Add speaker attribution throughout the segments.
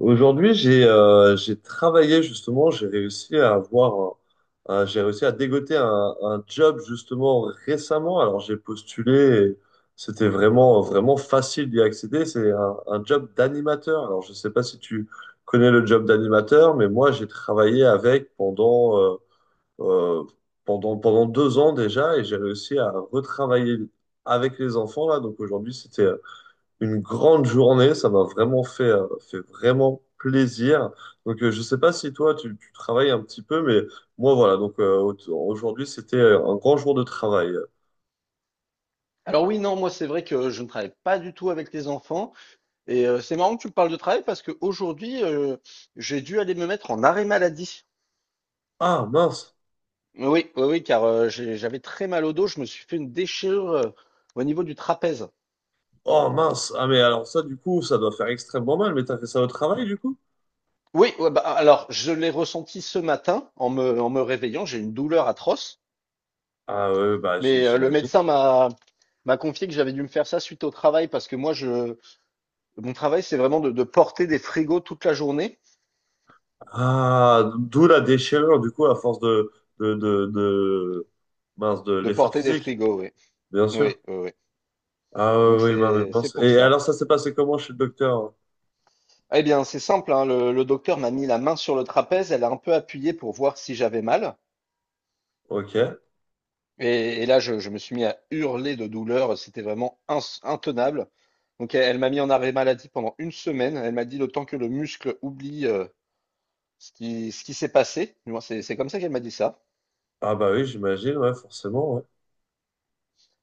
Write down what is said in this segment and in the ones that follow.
Speaker 1: Aujourd'hui, j'ai travaillé justement, j'ai réussi à avoir j'ai réussi à dégoter un job justement récemment. Alors j'ai postulé, et c'était vraiment vraiment facile d'y accéder. C'est un job d'animateur. Alors je sais pas si tu connais le job d'animateur, mais moi j'ai travaillé avec pendant euh, pendant 2 ans déjà et j'ai réussi à retravailler avec les enfants là. Donc aujourd'hui, c'était une grande journée. Ça m'a vraiment fait vraiment plaisir. Donc, je sais pas si toi, tu travailles un petit peu, mais moi, voilà. Aujourd'hui, c'était un grand jour de travail.
Speaker 2: Alors oui, non, moi c'est vrai que je ne travaille pas du tout avec les enfants. Et c'est marrant que tu me parles de travail parce qu'aujourd'hui, j'ai dû aller me mettre en arrêt maladie.
Speaker 1: Ah, mince.
Speaker 2: Oui, oui, oui, car j'avais très mal au dos, je me suis fait une déchirure au niveau du trapèze.
Speaker 1: Oh, mince. Ah, mais alors ça, du coup, ça doit faire extrêmement mal. Mais t'as fait ça au travail, du coup?
Speaker 2: Oui, ouais, bah, alors je l'ai ressenti ce matin en me réveillant, j'ai une douleur atroce,
Speaker 1: Ah, ouais, bah,
Speaker 2: mais le
Speaker 1: j'imagine.
Speaker 2: médecin m'a confié que j'avais dû me faire ça suite au travail parce que moi je mon travail c'est vraiment de porter des frigos toute la journée,
Speaker 1: Ah, d'où la déchirure, du coup, à force de, de, de, de
Speaker 2: de
Speaker 1: l'effort
Speaker 2: porter des
Speaker 1: physique,
Speaker 2: frigos, oui.
Speaker 1: bien
Speaker 2: Oui,
Speaker 1: sûr.
Speaker 2: oui, oui.
Speaker 1: Ah,
Speaker 2: Donc
Speaker 1: oui, oui, mince.
Speaker 2: c'est
Speaker 1: Mince.
Speaker 2: pour
Speaker 1: Et
Speaker 2: ça.
Speaker 1: alors, ça s'est passé comment chez le docteur?
Speaker 2: Eh bien, c'est simple, hein, le docteur m'a mis la main sur le trapèze, elle a un peu appuyé pour voir si j'avais mal.
Speaker 1: Ok.
Speaker 2: Et là, je me suis mis à hurler de douleur, c'était vraiment intenable. Donc elle m'a mis en arrêt maladie pendant une semaine. Elle m'a dit le temps que le muscle oublie ce qui s'est passé. Du moins, c'est comme ça qu'elle m'a dit ça.
Speaker 1: Ah bah oui, j'imagine, ouais, forcément. Ouais.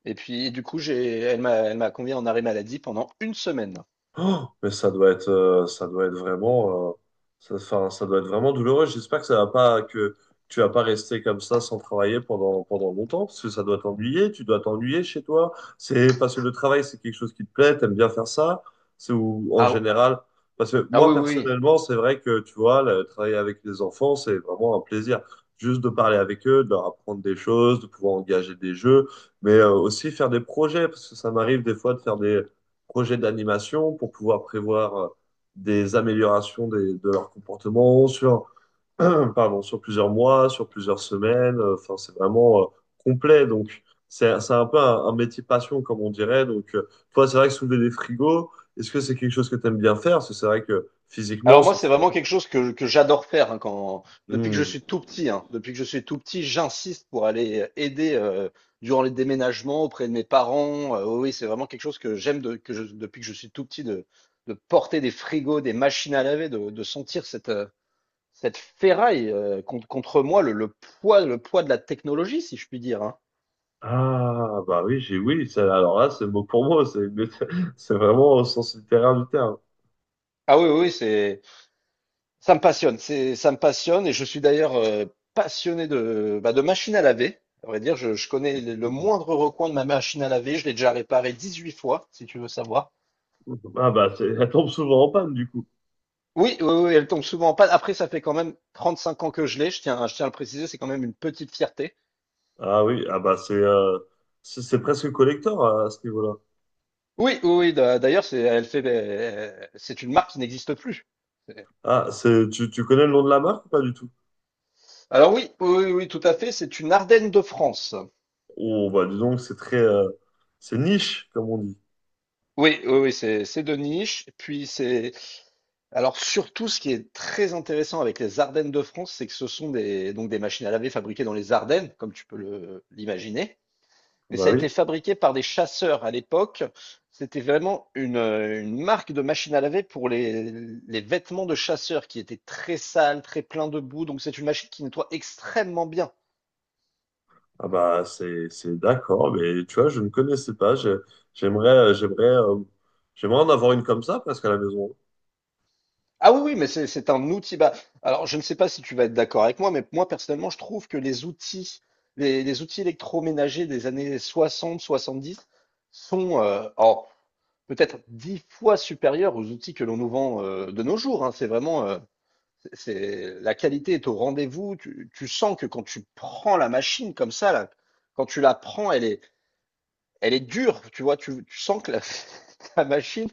Speaker 2: Et puis du coup, elle m'a convié en arrêt maladie pendant une semaine.
Speaker 1: Oh, ça doit être vraiment, ça doit être vraiment douloureux. J'espère que ça va pas, que tu vas pas rester comme ça sans travailler pendant, pendant longtemps, parce que ça doit t'ennuyer. Tu dois t'ennuyer chez toi. C'est parce que le travail, c'est quelque chose qui te plaît. T'aimes bien faire ça. C'est ou en
Speaker 2: Ah,
Speaker 1: général, parce que
Speaker 2: ah oui,
Speaker 1: moi
Speaker 2: oui, oui.
Speaker 1: personnellement, c'est vrai que tu vois, le, travailler avec les enfants, c'est vraiment un plaisir. Juste de parler avec eux, de leur apprendre des choses, de pouvoir engager des jeux, mais aussi faire des projets, parce que ça m'arrive des fois de faire des projet d'animation pour pouvoir prévoir des améliorations des- de leur comportement sur, pardon, sur plusieurs mois, sur plusieurs semaines. Enfin, c'est vraiment complet. Donc, c'est un peu un métier passion, comme on dirait. Donc, toi, c'est vrai que soulever des frigos, est-ce que c'est quelque chose que tu aimes bien faire? Parce que c'est vrai que physiquement,
Speaker 2: Alors moi,
Speaker 1: ça-
Speaker 2: c'est vraiment quelque chose que j'adore faire hein, depuis que je
Speaker 1: Hmm.
Speaker 2: suis tout petit. Hein. Depuis que je suis tout petit, j'insiste pour aller aider durant les déménagements auprès de mes parents. Oui, oui, c'est vraiment quelque chose que depuis que je suis tout petit de porter des frigos, des machines à laver, de sentir cette ferraille contre moi, le poids, le poids de la technologie, si je puis dire. Hein.
Speaker 1: Ah, bah oui, j'ai oui. Ça- Alors là, c'est mot pour mot. C'est c'est vraiment au sens littéraire du terme.
Speaker 2: Ah oui, oui, oui, c'est Ça me passionne, ça me passionne et je suis d'ailleurs passionné de machine à laver. À vrai dire, je connais le moindre recoin de ma machine à laver, je l'ai déjà réparée 18 fois, si tu veux savoir.
Speaker 1: Ah bah, c'est- elle tombe souvent en panne, du coup.
Speaker 2: Oui, oui, oui, elle tombe souvent en panne. Après, ça fait quand même 35 ans que je l'ai, je tiens à le préciser, c'est quand même une petite fierté.
Speaker 1: Ah oui, ah bah c'est presque collector à ce niveau-là.
Speaker 2: Oui, oui, oui, d'ailleurs, c'est une marque qui n'existe plus.
Speaker 1: Ah, c'est tu connais le nom de la marque ou pas du tout?
Speaker 2: Alors oui, oui, oui, oui, tout à fait, c'est une Ardenne de France.
Speaker 1: Oh bah dis donc, c'est niche comme on dit.
Speaker 2: Oui, oui, oui, c'est de niche. Puis c'est alors surtout ce qui est très intéressant avec les Ardennes de France, c'est que ce sont des donc des machines à laver fabriquées dans les Ardennes, comme tu peux le l'imaginer. Mais
Speaker 1: Bah
Speaker 2: ça a été
Speaker 1: oui.
Speaker 2: fabriqué par des chasseurs à l'époque. C'était vraiment une marque de machine à laver pour les vêtements de chasseurs qui étaient très sales, très pleins de boue. Donc c'est une machine qui nettoie extrêmement bien.
Speaker 1: Ah bah c'est d'accord, mais tu vois, je ne connaissais pas. J'aimerais euh, j'aimerais euh, J'aimerais en avoir une comme ça presque à la maison.
Speaker 2: Ah oui, oui, mais c'est un outil. Bah, alors, je ne sais pas si tu vas être d'accord avec moi, mais moi, personnellement, je trouve que les outils électroménagers des années 60-70 sont peut-être 10 fois supérieurs aux outils que l'on nous vend de nos jours. Hein. C'est vraiment, la qualité est au rendez-vous. Tu sens que quand tu prends la machine comme ça, là, quand tu la prends, elle est dure. Tu vois, tu sens que la machine,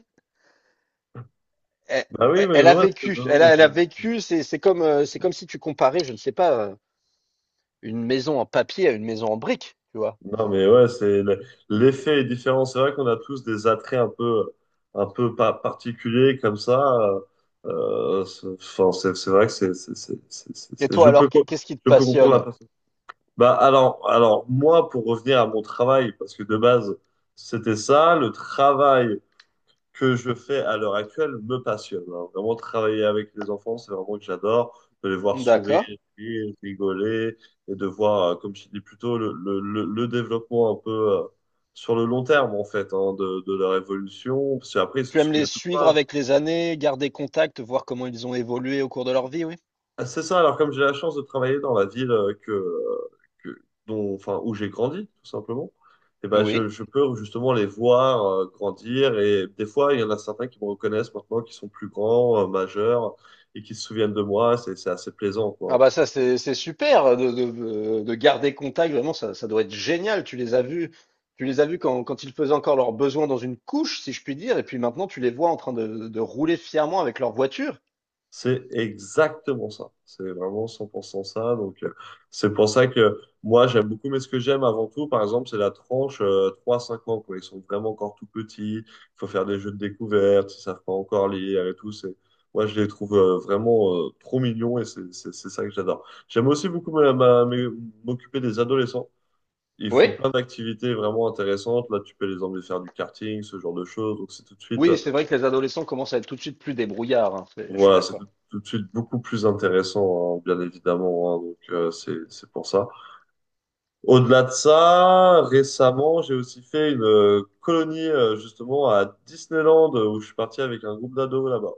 Speaker 2: elle,
Speaker 1: Bah oui, mais
Speaker 2: elle a
Speaker 1: moi,
Speaker 2: vécu,
Speaker 1: non,
Speaker 2: elle
Speaker 1: mais
Speaker 2: a, elle a
Speaker 1: je-
Speaker 2: vécu, c'est comme si tu comparais, je ne sais pas, une maison en papier à une maison en brique, tu vois.
Speaker 1: Non, mais ouais, l'effet est différent. C'est vrai qu'on a tous des attraits un peu pa- particuliers comme ça. C'est, enfin, c'est vrai que
Speaker 2: Et
Speaker 1: c'est-
Speaker 2: toi,
Speaker 1: je
Speaker 2: alors,
Speaker 1: peux, co-
Speaker 2: qu'est-ce qui te
Speaker 1: Je peux comprendre la
Speaker 2: passionne?
Speaker 1: personne. Bah, alors, moi, pour revenir à mon travail, parce que de base, c'était ça, le travail que je fais à l'heure actuelle me passionne. Hein. Vraiment, travailler avec les enfants, c'est vraiment que j'adore. De les voir sourire,
Speaker 2: D'accord.
Speaker 1: rire, rigoler, et de voir, comme je dis plus tôt, le développement un peu sur le long terme, en fait, hein, de leur évolution. Parce qu'après, ils se
Speaker 2: Tu aimes les
Speaker 1: souviennent de
Speaker 2: suivre
Speaker 1: toi.
Speaker 2: avec les années, garder contact, voir comment ils ont évolué au cours de leur vie, oui?
Speaker 1: Ah, c'est ça, alors comme j'ai la chance de travailler dans la ville que- dont, enfin, où j'ai grandi, tout simplement, et ben,
Speaker 2: Oui.
Speaker 1: je peux justement les voir grandir. Et des fois, il y en a certains qui me reconnaissent maintenant, qui sont plus grands, majeurs, et qui se souviennent de moi. C'est assez plaisant,
Speaker 2: Ah
Speaker 1: quoi.
Speaker 2: bah ça, c'est super de garder contact, vraiment, ça doit être génial. Tu les as vus quand, quand ils faisaient encore leurs besoins dans une couche, si je puis dire, et puis maintenant, tu les vois en train de rouler fièrement avec leur voiture.
Speaker 1: C'est exactement ça. C'est vraiment 100% ça. Donc, c'est pour ça que moi, j'aime beaucoup, mais ce que j'aime avant tout, par exemple, c'est la tranche 3-5 ans, quoi. Ils sont vraiment encore tout petits. Il faut faire des jeux de découverte. Ils savent pas encore lire et tout. C'est, moi, je les trouve vraiment trop mignons et c'est ça que j'adore. J'aime aussi beaucoup m'occuper des adolescents. Ils
Speaker 2: Oui.
Speaker 1: font plein d'activités vraiment intéressantes. Là, tu peux les emmener faire du karting, ce genre de choses. Donc, c'est tout de suite.
Speaker 2: Oui, c'est vrai que les adolescents commencent à être tout de suite plus débrouillards, hein, je suis
Speaker 1: Voilà, c'est
Speaker 2: d'accord.
Speaker 1: tout, tout de suite beaucoup plus intéressant, hein, bien évidemment. Hein, donc c'est pour ça. Au-delà de ça, récemment, j'ai aussi fait une colonie justement à Disneyland où je suis parti avec un groupe d'ados là-bas.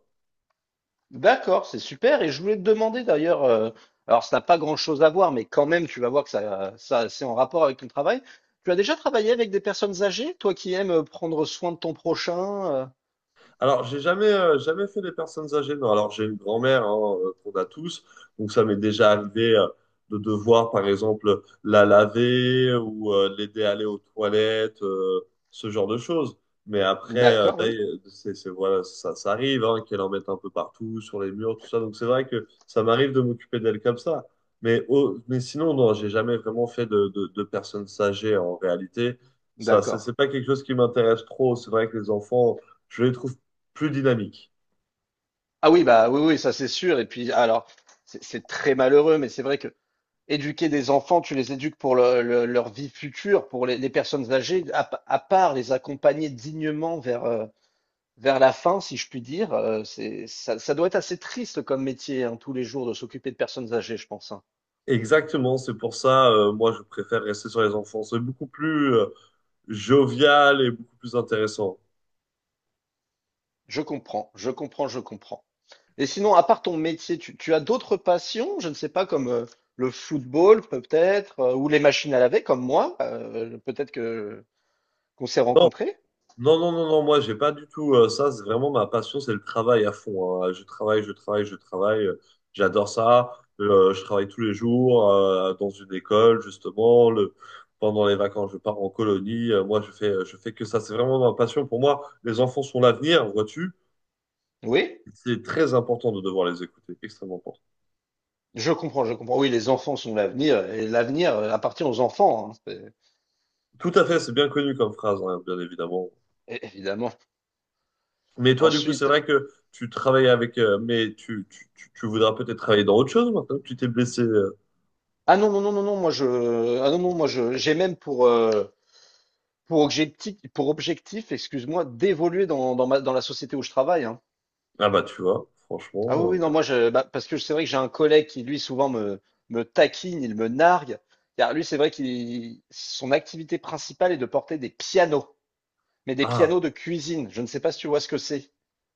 Speaker 2: D'accord, c'est super. Et je voulais te demander d'ailleurs, alors ça n'a pas grand-chose à voir, mais quand même, tu vas voir que ça, c'est en rapport avec ton travail. Tu as déjà travaillé avec des personnes âgées, toi qui aimes prendre soin de ton prochain?
Speaker 1: Alors, j'ai jamais, jamais fait des personnes âgées. Non, alors j'ai une grand-mère hein, qu'on a tous, donc ça m'est déjà arrivé de devoir, par exemple, la laver ou l'aider à aller aux toilettes, ce genre de choses. Mais après,
Speaker 2: D'accord, oui.
Speaker 1: voilà, ça arrive hein, qu'elle en mette un peu partout, sur les murs, tout ça. Donc c'est vrai que ça m'arrive de m'occuper d'elle comme ça. Mais sinon, non, j'ai jamais vraiment fait de personnes âgées en réalité. Ça,
Speaker 2: D'accord.
Speaker 1: c'est pas quelque chose qui m'intéresse trop. C'est vrai que les enfants je les trouve plus dynamique.
Speaker 2: Ah oui, bah oui, oui, ça c'est sûr. Et puis, alors, c'est très malheureux, mais c'est vrai que éduquer des enfants, tu les éduques pour leur vie future, pour les personnes âgées, à part les accompagner dignement vers la fin, si je puis dire, ça doit être assez triste comme métier, hein, tous les jours, de s'occuper de personnes âgées, je pense. Hein.
Speaker 1: Exactement, c'est pour ça, moi, je préfère rester sur les enfants. C'est beaucoup plus jovial et beaucoup plus intéressant.
Speaker 2: Je comprends, je comprends, je comprends. Et sinon, à part ton métier, tu as d'autres passions, je ne sais pas, comme le football peut-être, ou les machines à laver, comme moi, peut-être que qu'on s'est
Speaker 1: Non,
Speaker 2: rencontrés.
Speaker 1: non, non, non, non, moi, j'ai pas du tout ça. C'est vraiment ma passion, c'est le travail à fond. Hein. Je travaille, je travaille, je travaille. J'adore ça. Je travaille tous les jours dans une école, justement. Le... Pendant les vacances, je pars en colonie. Moi, je fais que ça. C'est vraiment ma passion. Pour moi, les enfants sont l'avenir, vois-tu.
Speaker 2: Oui,
Speaker 1: C'est très important de devoir les écouter, extrêmement important.
Speaker 2: je comprends, je comprends. Oui, les enfants sont l'avenir, et l'avenir appartient aux enfants, hein,
Speaker 1: Tout à fait, c'est bien connu comme phrase, hein, bien évidemment.
Speaker 2: évidemment.
Speaker 1: Mais toi, du coup, c'est
Speaker 2: Ensuite,
Speaker 1: vrai que tu travailles avec, mais tu voudras peut-être travailler dans autre chose maintenant que tu t'es blessé. Euh.
Speaker 2: ah non, non, non, non, non, moi je, ah non, non, moi je, j'ai même pour objectif, pour objectif, excuse-moi, d'évoluer dans ma, dans la société où je travaille, hein.
Speaker 1: Ah bah, tu vois,
Speaker 2: Ah oui, oui,
Speaker 1: franchement.
Speaker 2: non, moi je, bah, parce que c'est vrai que j'ai un collègue qui lui souvent me taquine, il me nargue. Car lui, c'est vrai qu'il, son activité principale est de porter des pianos, mais des pianos
Speaker 1: Ah,
Speaker 2: de cuisine. Je ne sais pas si tu vois ce que c'est.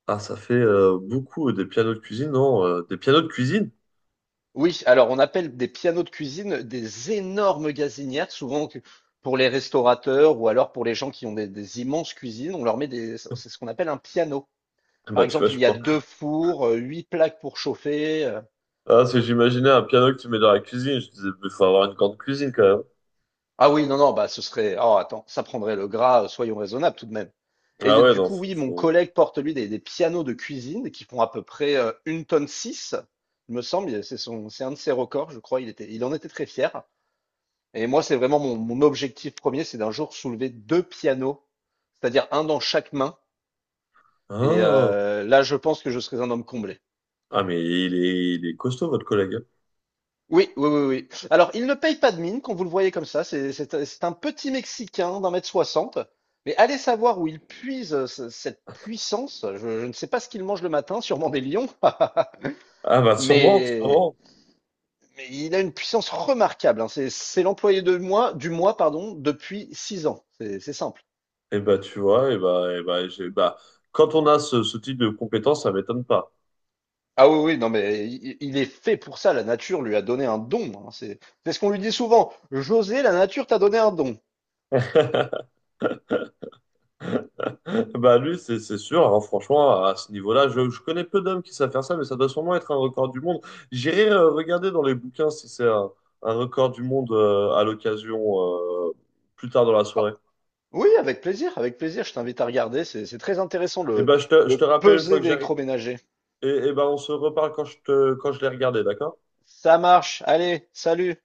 Speaker 1: ah, ça fait beaucoup des pianos de cuisine, non? Des pianos de cuisine?
Speaker 2: Oui, alors on appelle des pianos de cuisine des énormes gazinières, souvent pour les restaurateurs ou alors pour les gens qui ont des immenses cuisines, on leur met c'est ce qu'on appelle un piano.
Speaker 1: Ah
Speaker 2: Par
Speaker 1: bah, tu vois,
Speaker 2: exemple, il
Speaker 1: je
Speaker 2: y a
Speaker 1: pense.
Speaker 2: deux fours, huit plaques pour chauffer.
Speaker 1: Ah, c'est que j'imaginais un piano que tu mets dans la cuisine. Je disais, il faut avoir une grande cuisine quand même.
Speaker 2: Ah oui, non, non, bah ce serait, oh attends, ça prendrait le gras, soyons raisonnables tout de même. Et
Speaker 1: Ah ouais,
Speaker 2: du
Speaker 1: non,
Speaker 2: coup, oui, mon
Speaker 1: faut-
Speaker 2: collègue porte lui des pianos de cuisine qui font à peu près 1,6 tonne, il me semble, c'est un de ses records, je crois, il en était très fier. Et moi, c'est vraiment mon objectif premier, c'est d'un jour soulever deux pianos, c'est-à-dire un dans chaque main. Et
Speaker 1: Ah,
Speaker 2: là, je pense que je serais un homme comblé.
Speaker 1: il est costaud, votre collègue. Hein.
Speaker 2: Oui, oui, oui, oui. Alors, il ne paye pas de mine quand vous le voyez comme ça. C'est un petit Mexicain d'1m60. Mais allez savoir où il puise cette puissance. Je ne sais pas ce qu'il mange le matin, sûrement des lions.
Speaker 1: Ah bah, sûrement,
Speaker 2: Mais,
Speaker 1: sûrement.
Speaker 2: mais il a une puissance remarquable. Hein. C'est l'employé de mois, du mois, pardon, depuis 6 ans. C'est simple.
Speaker 1: Et bah, tu vois, et bah, j'ai- bah, Quand on a ce type de compétences, ça m'étonne pas.
Speaker 2: Ah oui, oui, non, mais il est fait pour ça. La nature lui a donné un don. Hein. C'est ce qu'on lui dit souvent. José, la nature t'a donné un don.
Speaker 1: Bah, lui, c'est sûr. Hein, franchement, à ce niveau-là, je connais peu d'hommes qui savent faire ça, mais ça doit sûrement être un record du monde. J'irai regarder dans les bouquins si c'est un record du monde à l'occasion euh, plus tard dans la
Speaker 2: Ah,
Speaker 1: soirée.
Speaker 2: oui, avec plaisir, avec plaisir. Je t'invite à regarder. C'est très intéressant
Speaker 1: Et
Speaker 2: le,
Speaker 1: bah, je
Speaker 2: le
Speaker 1: te rappelle une
Speaker 2: pesé
Speaker 1: fois que j'arrive.
Speaker 2: d'électroménager.
Speaker 1: Et bah, on se reparle quand quand je l'ai regardé, d'accord?
Speaker 2: Ça marche. Allez, salut.